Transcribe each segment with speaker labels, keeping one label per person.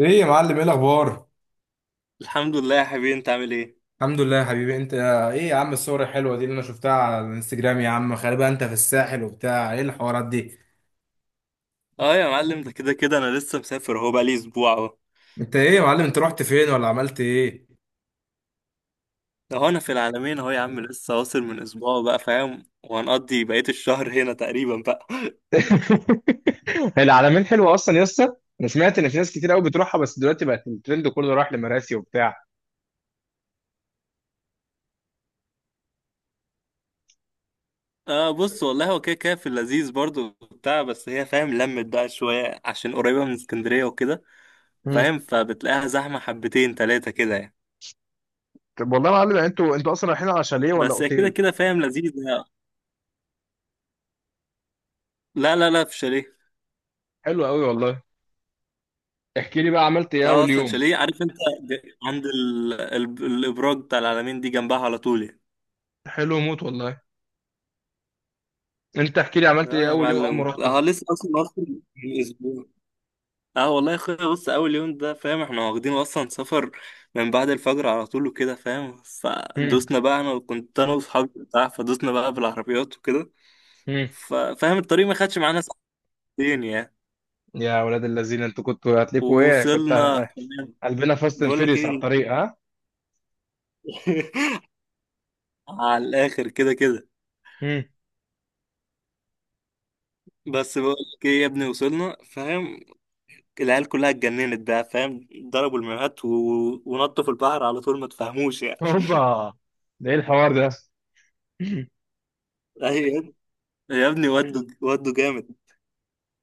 Speaker 1: ايه يا معلم؟ ايه الاخبار؟
Speaker 2: الحمد لله يا حبيبي، انت عامل ايه؟
Speaker 1: الحمد لله يا حبيبي. انت ايه يا عم الصور الحلوه دي اللي انا شفتها على الانستجرام؟ يا عم غالبا انت في الساحل وبتاع ايه الحوارات دي؟
Speaker 2: اه يا معلم، ده كده كده انا لسه مسافر اهو، بقالي اسبوع اهو.
Speaker 1: انت ايه يا معلم؟ انت رحت فين ولا عملت ايه؟
Speaker 2: ده هو انا في العالمين اهو يا عم، لسه واصل من اسبوع بقى فاهم، وهنقضي بقية الشهر هنا تقريبا بقى.
Speaker 1: العلمين حلوه اصلا يا اسطى. انا سمعت ان في ناس كتير قوي بتروحها، بس دلوقتي بقت الترند كله راح لمراسي وبتاع.
Speaker 2: آه، بص والله هو كده كده في اللذيذ برضو بتاع، بس هي فاهم لمت بقى شوية عشان قريبة من اسكندرية وكده.
Speaker 1: مم.
Speaker 2: فاهم، فبتلاقيها زحمة حبتين تلاتة كده يعني. بس هي كده كده فاهم لذيذ يعني. لا لا لا، في شاليه.
Speaker 1: حلو قوي والله. احكي لي بقى، عملت ايه
Speaker 2: لا،
Speaker 1: اول
Speaker 2: اصلا
Speaker 1: يوم؟
Speaker 2: شاليه عارف انت. عند الابراج بتاع العالمين دي، جنبها على طول يعني.
Speaker 1: حلو موت والله. انت احكي لي، عملت
Speaker 2: اه
Speaker 1: ايه
Speaker 2: يا
Speaker 1: اول يوم اول ما
Speaker 2: معلم،
Speaker 1: رحته؟
Speaker 2: اه لسه اصلا من اسبوع. اه والله يا اخويا، بص اول يوم ده فاهم، احنا واخدين اصلا سفر من بعد الفجر على طول وكده فاهم،
Speaker 1: مم.
Speaker 2: فدوسنا بقى انا كنت انا واصحابي بتاع، فدوسنا بقى بالعربيات وكده.
Speaker 1: مم.
Speaker 2: فاهم، الطريق ما خدش معانا ساعتين يعني.
Speaker 1: يا ولاد اللذين، انتوا كنتوا هتلفوا ايه؟ كنت
Speaker 2: ووصلنا فاهم؟
Speaker 1: قلبنا فاست اند
Speaker 2: بقول لك
Speaker 1: فيريوس على
Speaker 2: ايه.
Speaker 1: الطريق، ها.
Speaker 2: على الاخر كده كده.
Speaker 1: مم.
Speaker 2: بس بقول لك ايه يا ابني، وصلنا فاهم، العيال كلها اتجننت بقى فاهم، ضربوا المايوهات ونطوا في البحر على طول، ما تفهموش يعني.
Speaker 1: هوبا، ده ايه الحوار ده؟
Speaker 2: يا ابني، ودوا ودوا جامد.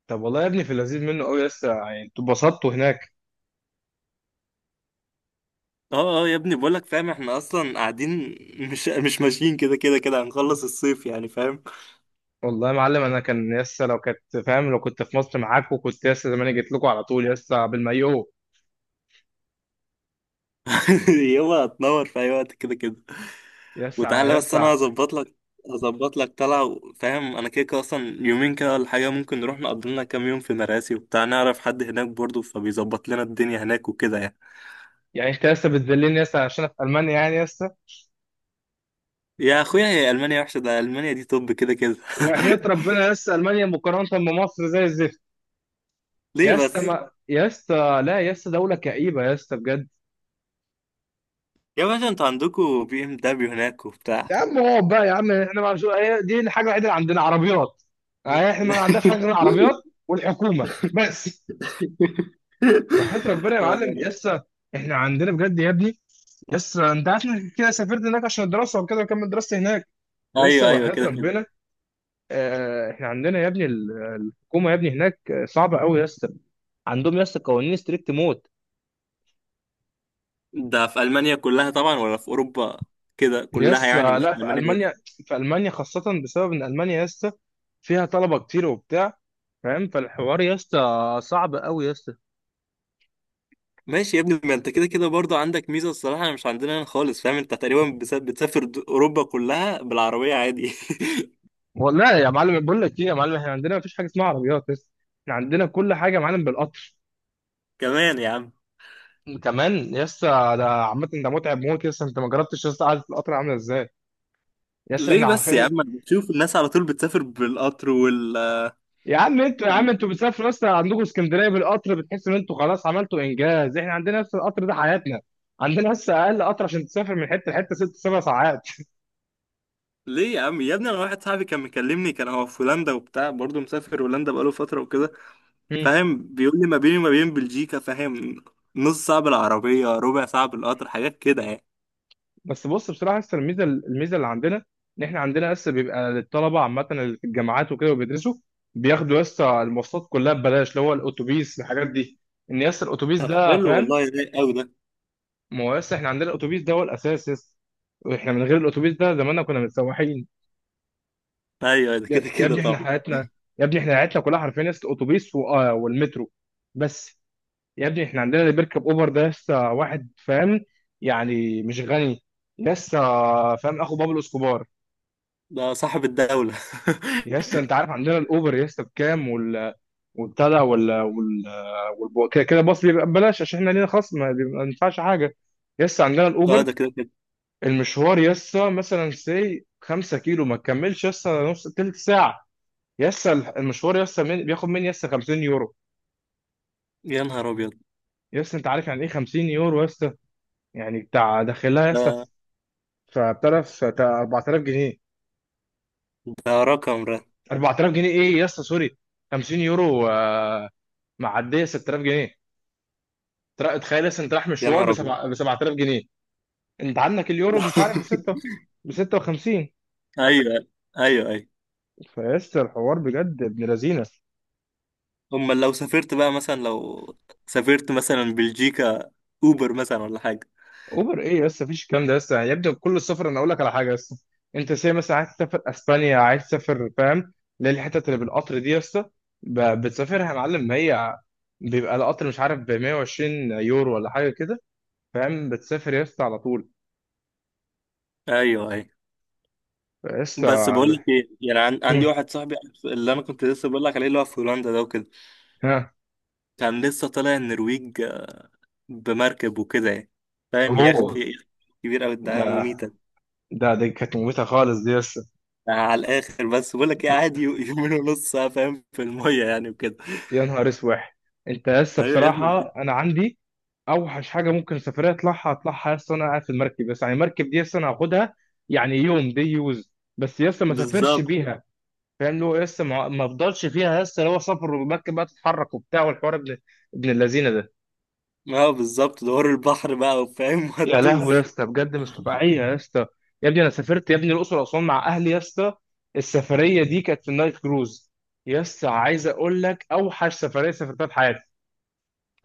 Speaker 1: طب والله يا ابني في اللذيذ منه قوي لسه، يعني انتوا اتبسطتوا هناك.
Speaker 2: اه، اه يا ابني بقولك فاهم، احنا اصلا قاعدين، مش ماشيين، كده كده كده هنخلص الصيف يعني فاهم.
Speaker 1: والله يا معلم انا كان لسه لو كنت فاهم، لو كنت في مصر معاكوا كنت لسه زمان جيت لكم على طول لسه بالمايو.
Speaker 2: يلا، هتنور في اي وقت كده كده.
Speaker 1: لسه
Speaker 2: وتعالى بس، انا
Speaker 1: لسه،
Speaker 2: هظبط لك طلعه فاهم، انا كده كده اصلا يومين كده ولا حاجه، ممكن نروح نقضي لنا كام يوم في مراسي وبتاع، نعرف حد هناك برضه فبيظبط لنا الدنيا هناك وكده يعني.
Speaker 1: يعني انت لسه بتذلني لسه عشان أنا في المانيا يعني لسه.
Speaker 2: يا اخويا، هي المانيا وحشه؟ ده المانيا دي طب كده كده.
Speaker 1: وحياة ربنا لسه المانيا مقارنة بمصر زي الزفت.
Speaker 2: ليه بس؟
Speaker 1: يا اسطى لا، يا اسطى دولة كئيبة يا اسطى بجد.
Speaker 2: يا باشا، انتوا عندكوا بي ام دبليو هناك وبتاع.
Speaker 1: يا عم اقعد بقى يا عم، احنا ما شو... هي دي الحاجه الوحيده اللي عندنا، عربيات. يعني احنا ما عندناش حاجه غير العربيات والحكومه بس. وحياة ربنا يا معلم، يسا احنا عندنا بجد يا ابني. يسا انت عارف انك كده سافرت هناك عشان الدراسه وكده وكمل دراستي هناك.
Speaker 2: ايوه،
Speaker 1: لسه
Speaker 2: ايوه
Speaker 1: وحياة
Speaker 2: كده كده.
Speaker 1: ربنا. اه احنا عندنا يا ابني الحكومه يا ابني هناك آه، صعبه قوي يسا. عندهم يسا قوانين ستريكت موت.
Speaker 2: ده في المانيا كلها طبعا ولا في اوروبا؟ كده كلها يعني،
Speaker 1: يسا
Speaker 2: مش
Speaker 1: لا،
Speaker 2: في
Speaker 1: في
Speaker 2: المانيا بس.
Speaker 1: المانيا، في المانيا خاصه بسبب ان المانيا يسا فيها طلبه كتير وبتاع. فاهم فالحوار يا اسطى صعب قوي يا اسطى.
Speaker 2: ماشي يا ابني، ما انت كده كده برضه عندك ميزه الصراحه، مش عندنا هنا خالص، فاهم انت تقريبا بتسافر اوروبا كلها بالعربيه عادي.
Speaker 1: والله يا معلم بقول لك ايه يا معلم، احنا عندنا مفيش حاجه اسمها عربيات بس، احنا عندنا كل حاجه يا معلم بالقطر.
Speaker 2: كمان يا عم؟
Speaker 1: كمان يا اسطى. ده عامه ده متعب موت يا اسطى، انت ما جربتش يا اسطى قعده القطر عامله ازاي. يا اسطى
Speaker 2: ليه
Speaker 1: احنا
Speaker 2: بس يا
Speaker 1: عارفين.
Speaker 2: عم، انا بشوف الناس على طول بتسافر بالقطر وال
Speaker 1: يا عم انتوا، يا عم انتوا بتسافروا يا اسطى عندكم اسكندريه بالقطر بتحسوا ان انتوا خلاص عملتوا انجاز. احنا عندنا لسه القطر ده حياتنا. عندنا لسه اقل قطر عشان تسافر من حته لحته ست سبع ساعات.
Speaker 2: ليه يا عم، يا ابني انا واحد صاحبي كان مكلمني، كان هو في هولندا وبتاع برضه مسافر هولندا بقاله فتره وكده، فاهم، بيقول لي ما بيني وما بين بلجيكا، فاهم، نص ساعة بالعربية، ربع ساعة بالقطر، حاجات كده يعني.
Speaker 1: بس بص بصراحه لسه الميزه، الميزه اللي عندنا ان احنا عندنا لسه بيبقى للطلبه عامه اللي في الجامعات وكده وبيدرسوا، بياخدوا لسه المواصلات كلها ببلاش، اللي هو الاتوبيس الحاجات دي. ان لسه الاتوبيس
Speaker 2: طب
Speaker 1: ده
Speaker 2: حلو
Speaker 1: فاهم.
Speaker 2: والله، رايق قوي ده.
Speaker 1: ما هو لسه احنا عندنا الاتوبيس ده هو الاساس لسه. واحنا من غير الاتوبيس ده زماننا كنا متسوحين.
Speaker 2: ايوه، أيوه، ده كده
Speaker 1: يا
Speaker 2: كده
Speaker 1: ابني احنا
Speaker 2: طبعا.
Speaker 1: حياتنا. يا ابني احنا حياتنا كلها حرفيا لسه اتوبيس آه، والمترو بس. يا ابني احنا عندنا اللي بيركب اوبر ده لسه واحد، فاهم، يعني مش غني لسه، فاهم، اخو بابلو اسكوبار.
Speaker 2: ده صاحب الدولة.
Speaker 1: يس انت عارف عندنا الاوبر يس بكام؟ وال، والبتاع ده، وال كده كده باص بيبقى ببلاش عشان احنا لينا خصم، ما ينفعش حاجه. يس عندنا
Speaker 2: اه،
Speaker 1: الاوبر،
Speaker 2: ده كده كده.
Speaker 1: المشوار يس مثلا سي 5 كيلو ما تكملش يس نص تلت ساعه. يس المشوار يس من، بياخد مني يس 50 يورو.
Speaker 2: يا نهار ابيض.
Speaker 1: يس انت عارف يعني ايه 50 يورو يس؟ يعني بتاع داخلها يس،
Speaker 2: ده
Speaker 1: فبتعرف 4000 جنيه.
Speaker 2: ده رقم ده.
Speaker 1: 4000 جنيه ايه؟ يس سوري، 50 يورو آه، معديه 6000 جنيه. تخيل لسه انت رايح
Speaker 2: يا
Speaker 1: مشوار
Speaker 2: نهار
Speaker 1: ب
Speaker 2: ابيض.
Speaker 1: 7000 جنيه. انت عندك اليورو مش عارف ب 6، ب 56.
Speaker 2: ايوه، ايوه، ايوه.
Speaker 1: فلسه الحوار بجد ابن لذينه.
Speaker 2: امال لو سافرت بقى مثلا، لو سافرت مثلا بلجيكا، اوبر مثلا ولا حاجه؟
Speaker 1: اوبر ايه؟ لسه مفيش الكلام ده لسه، يبدو كل السفر انا اقول لك على حاجه لسه. انت سي مثلا عايز تسافر اسبانيا، عايز تسافر فاهم للحتت اللي بالقطر دي لسه، بتسافرها يا معلم هي، بيبقى القطر مش عارف ب 120 يورو ولا حاجه كده. فاهم بتسافر يا اسطى على طول
Speaker 2: ايوه، ايوه،
Speaker 1: يا
Speaker 2: بس بقول
Speaker 1: اسطى.
Speaker 2: لك ايه يعني، عندي
Speaker 1: مم.
Speaker 2: واحد صاحبي، اللي انا كنت لسه بقول لك عليه، اللي هو في هولندا ده وكده،
Speaker 1: ها.
Speaker 2: كان لسه طالع النرويج بمركب وكده يعني، فاهم،
Speaker 1: اوه.
Speaker 2: يخت يخت كبير أوي،
Speaker 1: ده
Speaker 2: ده مميتة.
Speaker 1: ده دي كانت مميته خالص دي.
Speaker 2: على الآخر، بس بقول لك إيه، قاعد يومين ونص آه، فاهم في المية يعني وكده.
Speaker 1: يا نهار اسوح، انت لسه
Speaker 2: أيوة يا ابني،
Speaker 1: بصراحه انا عندي اوحش حاجه ممكن سفريه اطلعها، اطلعها لسه انا قاعد في المركب. بس يعني المركب دي لسه انا هاخدها، يعني يوم دي يوز، بس لسه ما سافرش
Speaker 2: بالظبط.
Speaker 1: بيها. فاهم اللي هو لسه ما افضلش فيها لسه، اللي هو سفر والمركب بقى تتحرك وبتاع، والحوار ابن اللذينه ده.
Speaker 2: اه بالظبط، دوار البحر بقى وفاهم
Speaker 1: يا لهوي يا
Speaker 2: وهتدوس.
Speaker 1: اسطى بجد مش طبيعيه يا اسطى. يا ابني انا سافرت يا ابني الاقصر واسوان مع اهلي يا اسطى. السفريه دي كانت في النايل كروز. يا اسطى عايز اقول لك اوحش سفريه سافرتها في حياتي.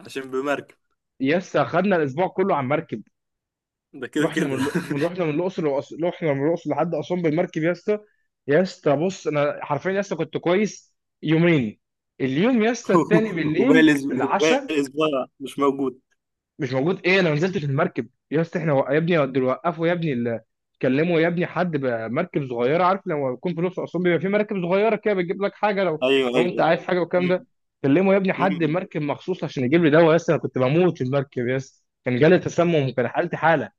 Speaker 2: عشان بمركب.
Speaker 1: يس اخدنا الاسبوع كله على المركب.
Speaker 2: ده كده
Speaker 1: رحنا
Speaker 2: كده.
Speaker 1: من رحنا من الاقصر رحنا من الاقصر لحد اسوان بالمركب يا اسطى. يا اسطى بص انا حرفيا يا اسطى كنت كويس يومين، اليوم يا اسطى التاني
Speaker 2: وباقي
Speaker 1: بالليل
Speaker 2: الأس-
Speaker 1: في
Speaker 2: وباقي
Speaker 1: العشاء
Speaker 2: الأسبوع مش موجود.
Speaker 1: مش موجود. ايه؟ انا ما نزلتش المركب يا اسطى. احنا يا ابني دول وقفوا يا ابني كلموا يا ابني حد بمركب صغيره، عارف لما يكون في الاقصر واسوان بيبقى في مراكب صغيره كده بتجيب لك حاجه لو،
Speaker 2: أيوه،
Speaker 1: لو انت
Speaker 2: أيوه.
Speaker 1: عايز حاجه والكلام ده.
Speaker 2: مم.
Speaker 1: كلموا يا ابني حد
Speaker 2: مم.
Speaker 1: مركب مخصوص عشان يجيب لي دواء يا اسطى. انا كنت بموت في المركب يا اسطى، كان جالي تسمم وكان حالتي حاله.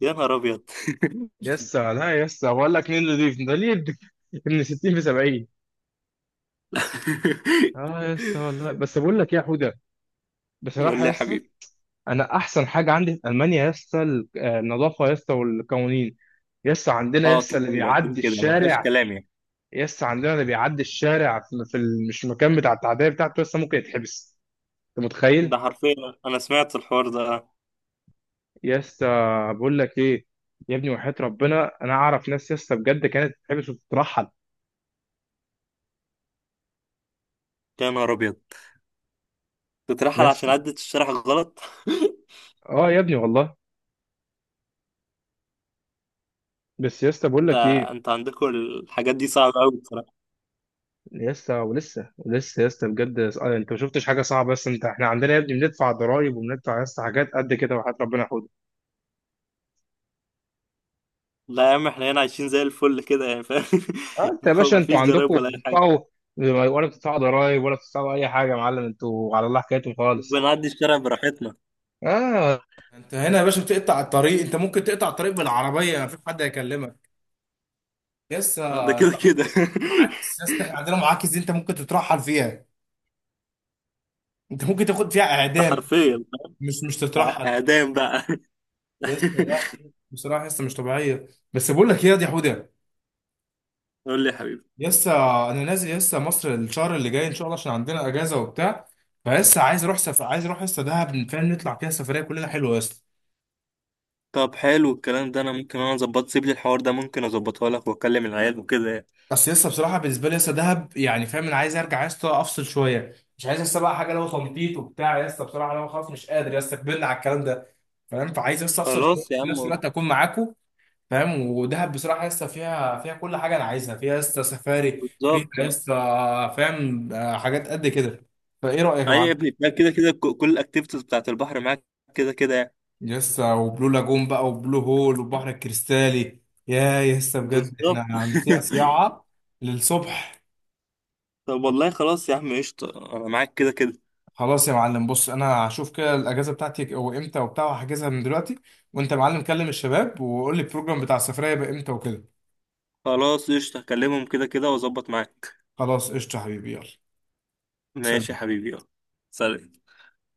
Speaker 2: يا نهار أبيض.
Speaker 1: يسا لا، يسا بقول لك مين اللي يضيف ده ليه، ابن 60 في 70. اه يسا والله. بس بقول لك يا حوده،
Speaker 2: قول
Speaker 1: بصراحه
Speaker 2: لي يا
Speaker 1: يسا،
Speaker 2: حبيبي.
Speaker 1: انا احسن حاجه عندي في المانيا يسا آه، النظافه يسا والقوانين. يسا عندنا،
Speaker 2: اه
Speaker 1: يسا
Speaker 2: كده
Speaker 1: اللي
Speaker 2: كده كده
Speaker 1: بيعدي
Speaker 2: كده، ما فيهاش
Speaker 1: الشارع،
Speaker 2: كلام يعني.
Speaker 1: يسا عندنا اللي بيعدي الشارع في مش المكان بتاع التعديه بتاعته يسا ممكن يتحبس. انت
Speaker 2: ده
Speaker 1: متخيل؟
Speaker 2: حرفيا، انا سمعت الحوار ده.
Speaker 1: يسا بقول لك ايه، يا ابني وحياة ربنا انا اعرف ناس يسا بجد كانت تتحبس وتترحل.
Speaker 2: يا نهار ابيض، تترحل عشان
Speaker 1: يسا
Speaker 2: عدت الشرح غلط؟
Speaker 1: اه يا ابني والله. بس يسا بقول
Speaker 2: ده،
Speaker 1: لك ايه،
Speaker 2: انت عندكم الحاجات دي صعبة قوي بصراحة.
Speaker 1: لسه ولسه ولسه يا اسطى بجد آه، انت ما شفتش حاجه صعبه بس انت، احنا عندنا يا ابني بندفع ضرائب وبندفع يا اسطى حاجات قد كده وحياة ربنا يحفظك.
Speaker 2: لا يا عم، احنا هنا عايشين زي الفل كده يعني فاهم.
Speaker 1: اه انت يا باشا
Speaker 2: ما
Speaker 1: انتوا
Speaker 2: فيش ضرايب
Speaker 1: عندكم
Speaker 2: ولا اي حاجة،
Speaker 1: بتدفعوا ولا بتدفعوا ضرائب ولا بتدفعوا اي حاجه يا معلم، انتوا على الله حكايتكم خالص.
Speaker 2: بنعدي الشارع براحتنا.
Speaker 1: اه انت هنا يا باشا بتقطع الطريق، انت ممكن تقطع الطريق بالعربيه مفيش حد هيكلمك. يسا
Speaker 2: ده
Speaker 1: انت
Speaker 2: كده
Speaker 1: عندكم
Speaker 2: كده.
Speaker 1: معاكس، يسا احنا عندنا معاكس دي انت ممكن تترحل فيها، انت ممكن تاخد فيها
Speaker 2: ده
Speaker 1: اعدام،
Speaker 2: حرفيا،
Speaker 1: مش تترحل.
Speaker 2: اعدام بقى؟
Speaker 1: يسا لا، بصراحه يسا مش طبيعيه. بس بقول لك ايه يا دي حوده،
Speaker 2: قول لي يا حبيبي.
Speaker 1: لسه انا نازل لسه مصر الشهر اللي جاي ان شاء الله عشان عندنا اجازه وبتاع. فلسه عايز عايز اروح لسه دهب، فاهم نطلع فيها سفريه كلنا حلوه لسه.
Speaker 2: طب حلو الكلام ده، انا ممكن انا اظبط، سيب لي الحوار ده ممكن اظبطه لك واكلم العيال وكده يعني.
Speaker 1: بس لسه بصراحه بالنسبه لي لسه دهب، يعني فاهم انا عايز ارجع لسه افصل شويه، مش عايز لسه بقى حاجه لو تنطيط وبتاع لسه بصراحه، لو خلاص مش قادر لسه، كبرنا على الكلام ده. فاهم فعايز لسه افصل شويه
Speaker 2: خلاص يا
Speaker 1: في نفس
Speaker 2: عم،
Speaker 1: الوقت اكون معاكم. فاهم ودهب بصراحه لسه فيها كل حاجه انا عايزها، فيها لسه سفاري، فيها
Speaker 2: بالظبط.
Speaker 1: لسه فاهم آه، حاجات قد كده. فايه رايك يا
Speaker 2: ايوه
Speaker 1: معلم؟
Speaker 2: يا ابني، ده كده كده كل الاكتيفيتيز بتاعت البحر معاك كده كده يعني.
Speaker 1: يسا وبلو لاجون بقى وبلو هول والبحر الكريستالي. يا يسا بجد
Speaker 2: بالظبط.
Speaker 1: احنا هنسيع سياعة للصبح.
Speaker 2: طب والله خلاص يا عم، قشطة انا معاك كده كده.
Speaker 1: خلاص يا معلم بص انا هشوف كده الاجازة بتاعتي او امتى وبتاع وهحجزها من دلوقتي. وانت يا معلم كلم الشباب وقول لي البروجرام بتاع السفرية بقى امتى وكده.
Speaker 2: خلاص قشطة، هكلمهم كده كده واظبط معاك.
Speaker 1: خلاص قشطة يا حبيبي يلا.
Speaker 2: ماشي يا
Speaker 1: سلام.
Speaker 2: حبيبي، يلا. سلام.